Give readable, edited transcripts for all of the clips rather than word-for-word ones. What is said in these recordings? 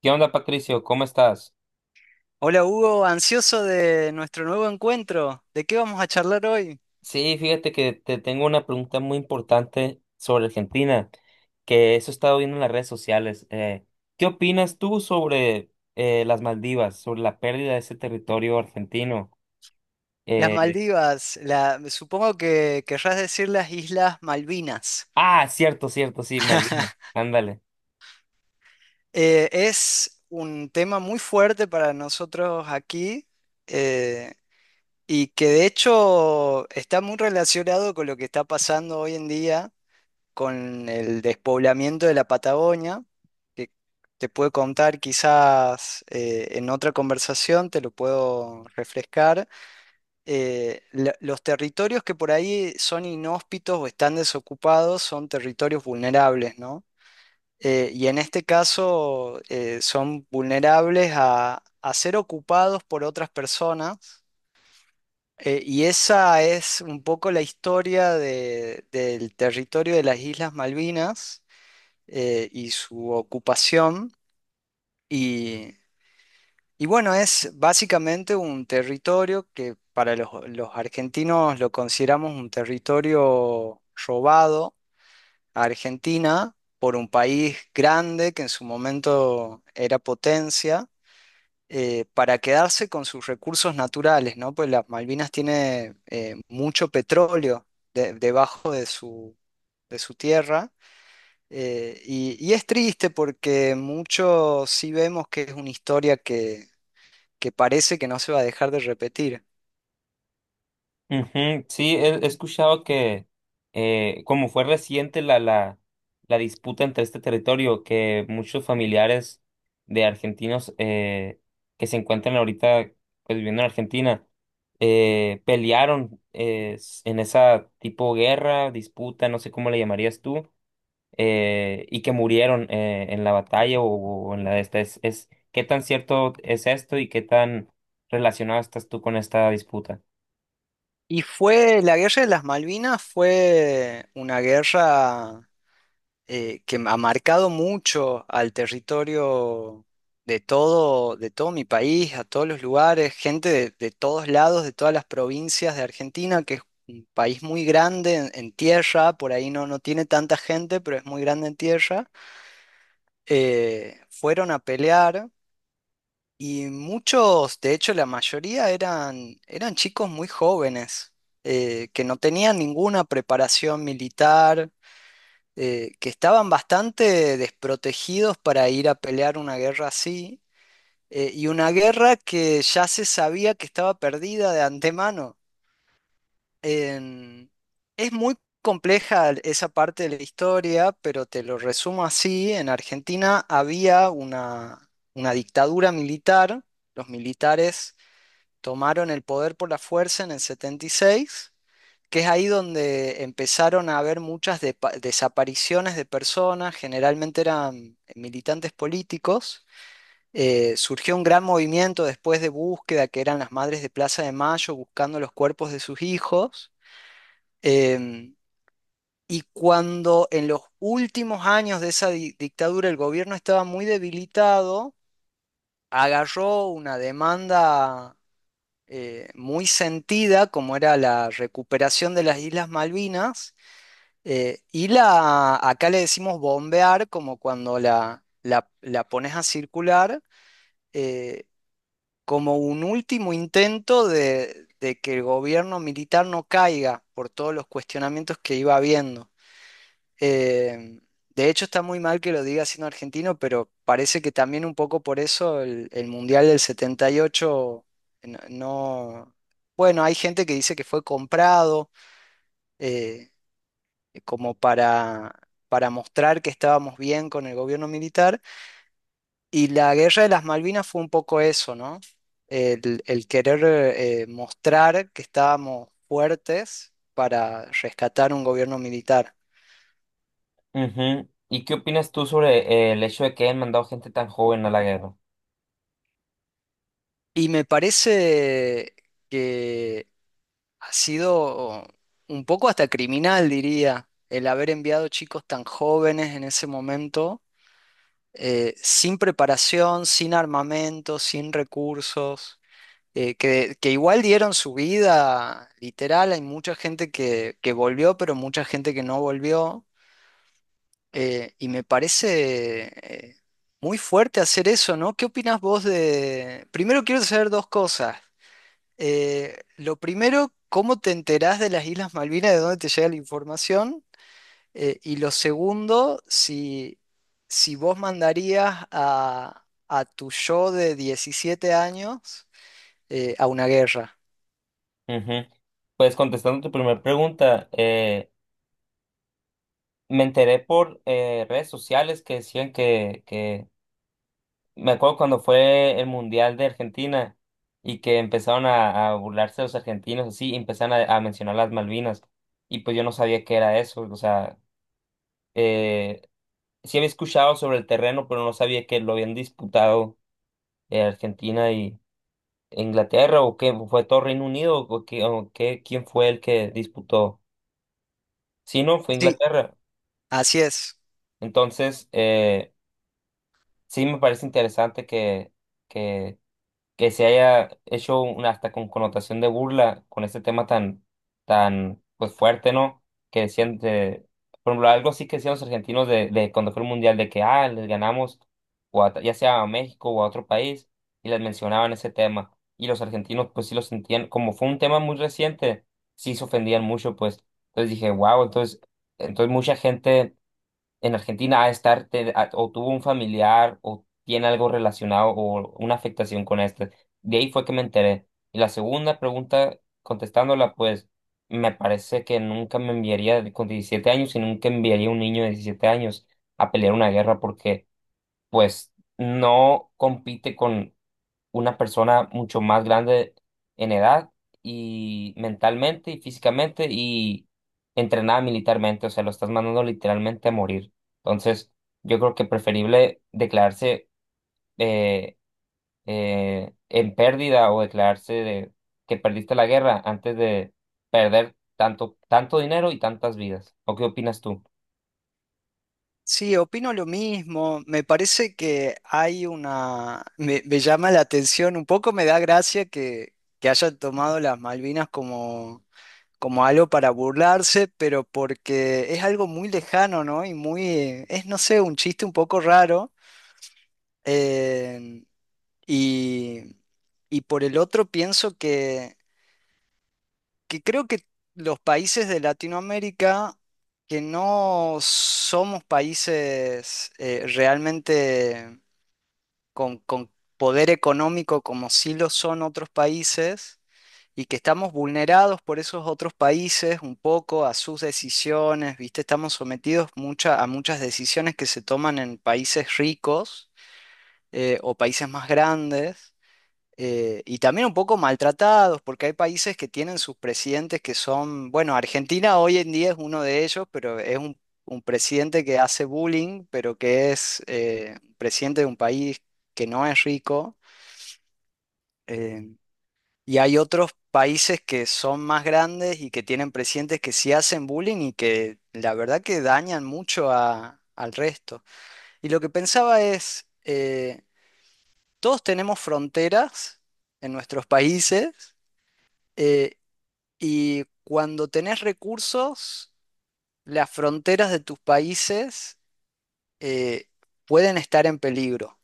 ¿Qué onda, Patricio? ¿Cómo estás? Hola Hugo, ansioso de nuestro nuevo encuentro. ¿De qué vamos a charlar hoy? Sí, fíjate que te tengo una pregunta muy importante sobre Argentina, que eso he estado viendo en las redes sociales. ¿Qué opinas tú sobre las Maldivas, sobre la pérdida de ese territorio argentino? Las Eh, Maldivas, supongo que querrás decir las Islas Malvinas. ah, cierto, cierto, sí, Malvinas. Ándale. Es un tema muy fuerte para nosotros aquí eh, y que de hecho está muy relacionado con lo que está pasando hoy en día con el despoblamiento de la Patagonia, que te puedo contar quizás en otra conversación, te lo puedo refrescar. Los territorios que por ahí son inhóspitos o están desocupados son territorios vulnerables, ¿no? Y en este caso son vulnerables a ser ocupados por otras personas. Y esa es un poco la historia del territorio de las Islas Malvinas y su ocupación. Y Y bueno, es básicamente un territorio que para los argentinos lo consideramos un territorio robado a Argentina por un país grande que en su momento era potencia, para quedarse con sus recursos naturales, ¿no? Pues las Malvinas tiene mucho petróleo debajo de de su tierra. Y es triste porque mucho sí vemos que es una historia que parece que no se va a dejar de repetir. Ujú. Sí, he escuchado que como fue reciente la disputa entre este territorio, que muchos familiares de argentinos que se encuentran ahorita, pues, viviendo en Argentina, pelearon en esa tipo guerra, disputa, no sé cómo le llamarías tú, y que murieron en la batalla o en la de esta. ¿Qué tan cierto es esto y qué tan relacionado estás tú con esta disputa? La guerra de las Malvinas fue una guerra que ha marcado mucho al territorio de todo mi país, a todos los lugares, gente de todos lados, de todas las provincias de Argentina, que es un país muy grande en tierra, por ahí no tiene tanta gente, pero es muy grande en tierra. Fueron a pelear. Y muchos, de hecho la mayoría eran chicos muy jóvenes, que no tenían ninguna preparación militar, que estaban bastante desprotegidos para ir a pelear una guerra así, y una guerra que ya se sabía que estaba perdida de antemano. En- es muy compleja esa parte de la historia, pero te lo resumo así: en Argentina había una dictadura militar, los militares tomaron el poder por la fuerza en el 76, que es ahí donde empezaron a haber muchas desapariciones de personas, generalmente eran militantes políticos. Surgió un gran movimiento después de búsqueda, que eran las madres de Plaza de Mayo buscando los cuerpos de sus hijos. Em, y cuando en los últimos años de esa dictadura el gobierno estaba muy debilitado, agarró una demanda muy sentida, como era la recuperación de las Islas Malvinas, y la, acá le decimos bombear, como cuando la pones a circular, eh, como un último intento de que el gobierno militar no caiga por todos los cuestionamientos que iba habiendo. Eh, de hecho, está muy mal que lo diga siendo argentino, pero parece que también un poco por eso el Mundial del 78 no, no- bueno, hay gente que dice que fue comprado, eh, como para mostrar que estábamos bien con el gobierno militar. Y la guerra de las Malvinas fue un poco eso, ¿no? El querer mostrar que estábamos fuertes para rescatar un gobierno militar. Ujú. ¿Y qué opinas tú sobre el hecho de que hayan mandado gente tan joven a la guerra? Y me parece que ha sido un poco hasta criminal, diría, el haber enviado chicos tan jóvenes en ese momento, sin preparación, sin armamento, sin recursos, que igual dieron su vida, literal, hay mucha gente que volvió, pero mucha gente que no volvió, y me parece eh, muy fuerte hacer eso, ¿no? ¿Qué opinas vos de...? Primero quiero saber dos cosas. Lo primero, ¿cómo te enterás de las Islas Malvinas, de dónde te llega la información? Y lo segundo, si vos mandarías a tu yo de 17 años a una guerra. Ujú. Pues contestando tu primera pregunta, me enteré por redes sociales que decían me acuerdo cuando fue el Mundial de Argentina y que empezaron a burlarse de los argentinos, así, y empezaron a mencionar las Malvinas, y pues yo no sabía qué era eso, o sea, eh, sí había escuchado sobre el terreno, pero no sabía que lo habían disputado, Argentina. ¿Inglaterra o qué? ¿Fue todo Reino Unido o qué, o quién fue el que disputó? Sí, no, fue Sí, Inglaterra. así es. Entonces, sí me parece interesante que que se haya hecho una hasta con connotación de burla con este tema tan, tan pues fuerte, ¿no? Que decían de, por ejemplo, algo así que decían los argentinos de cuando fue el mundial, de que ah, les ganamos, o ya sea a México o a otro país, y les mencionaban ese tema. Y los argentinos, pues sí lo sentían, como fue un tema muy reciente, sí se ofendían mucho, pues. Entonces dije, wow, entonces, entonces mucha gente en Argentina a estar, o tuvo un familiar o tiene algo relacionado o una afectación con este. De ahí fue que me enteré. Y la segunda pregunta, contestándola, pues me parece que nunca me enviaría con 17 años y nunca enviaría a un niño de 17 años a pelear una guerra porque, pues, no compite con una persona mucho más grande en edad y mentalmente y físicamente y entrenada militarmente, o sea, lo estás mandando literalmente a morir. Entonces, yo creo que preferible declararse eh, en pérdida o declararse de que perdiste la guerra antes de perder tanto, tanto dinero y tantas vidas. ¿O qué opinas tú? Sí, opino lo mismo. Me parece que hay una... me llama la atención, un poco me da gracia que hayan tomado las Malvinas como como algo para burlarse, pero porque es algo muy lejano, ¿no? Y muy, es, no sé, un chiste un poco raro. eh, y, y por el otro pienso que creo que los países de Latinoamérica, que no somos países realmente con poder económico como sí lo son otros países, y que estamos vulnerados por esos otros países un poco a sus decisiones, ¿viste? Estamos sometidos a muchas decisiones que se toman en países ricos, o países más grandes. Y también un poco maltratados, porque hay países que tienen sus presidentes que son, bueno, Argentina hoy en día es uno de ellos, pero es un presidente que hace bullying, pero que es presidente de un país que no es rico. Eh, y hay otros países que son más grandes y que tienen presidentes que sí hacen bullying y que la verdad que dañan mucho al resto. Y lo que pensaba es, todos tenemos fronteras en nuestros países, eh, y cuando tenés recursos, las fronteras de tus países eh, pueden estar en peligro.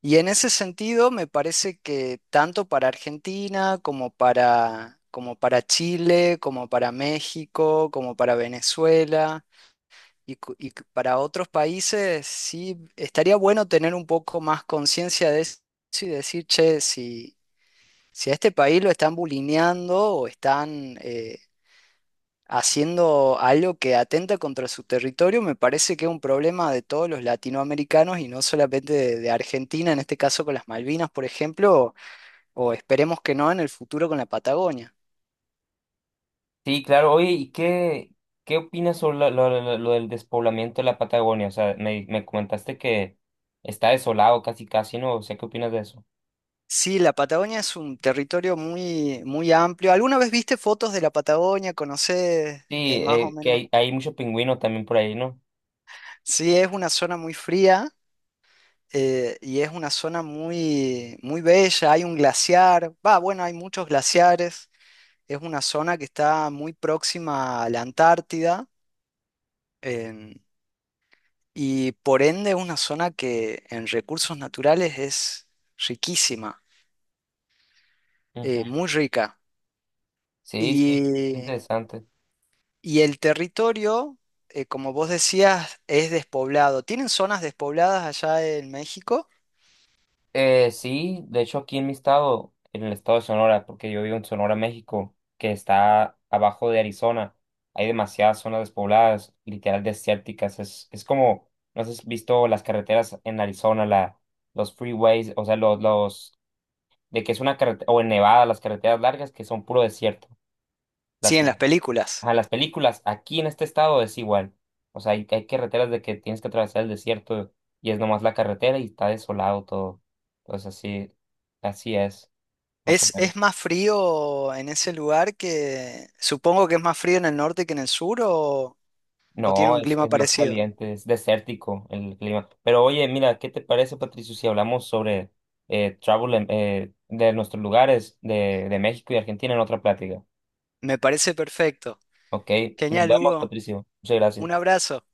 Y en ese sentido, me parece que tanto para Argentina como para, como para Chile, como para México, como para Venezuela para otros países, sí estaría bueno tener un poco más conciencia de eso y decir, che, si a este país lo están bulineando o están haciendo algo que atenta contra su territorio, me parece que es un problema de todos los latinoamericanos y no solamente de Argentina, en este caso con las Malvinas, por ejemplo, o esperemos que no en el futuro con la Patagonia. Sí, claro. Oye, ¿y qué, qué opinas sobre lo del despoblamiento de la Patagonia? O sea, me comentaste que está desolado casi casi, ¿no? O sea, ¿qué opinas de eso? Sí, la Patagonia es un territorio muy, muy amplio. ¿Alguna vez viste fotos de la Patagonia? ¿Conocés Sí, más o que menos? Hay mucho pingüino también por ahí, ¿no? Sí, es una zona muy fría, y es una zona muy, muy bella. Hay un glaciar, va, bueno, hay muchos glaciares. Es una zona que está muy próxima a la Antártida. em, y por ende es una zona que en recursos naturales es riquísima, Ujú. Muy rica. Sí, sí, Y, interesante. y el territorio, como vos decías, es despoblado. ¿Tienen zonas despobladas allá en México? Sí, de hecho aquí en mi estado, en el estado de Sonora, porque yo vivo en Sonora, México, que está abajo de Arizona, hay demasiadas zonas despobladas, literal desérticas. Es como, no sé si has visto las carreteras en Arizona, la, los freeways, o sea, de que es una carretera, o en Nevada, las carreteras largas que son puro desierto. Sí, Las, en las películas. a las películas, aquí en este estado es igual. O sea, hay carreteras de que tienes que atravesar el desierto y es nomás la carretera y está desolado todo. Entonces así, así es, más o menos. Es más frío en ese lugar que... Supongo que es más frío en el norte que en el sur, o tiene No, un clima es más parecido. caliente, es desértico el clima. Pero oye, mira, ¿qué te parece, Patricio, si hablamos sobre de nuestros lugares de México y Argentina en otra plática? Me parece perfecto. Ok, nos Genial, vemos, Hugo. Patricio. Muchas Un gracias. abrazo.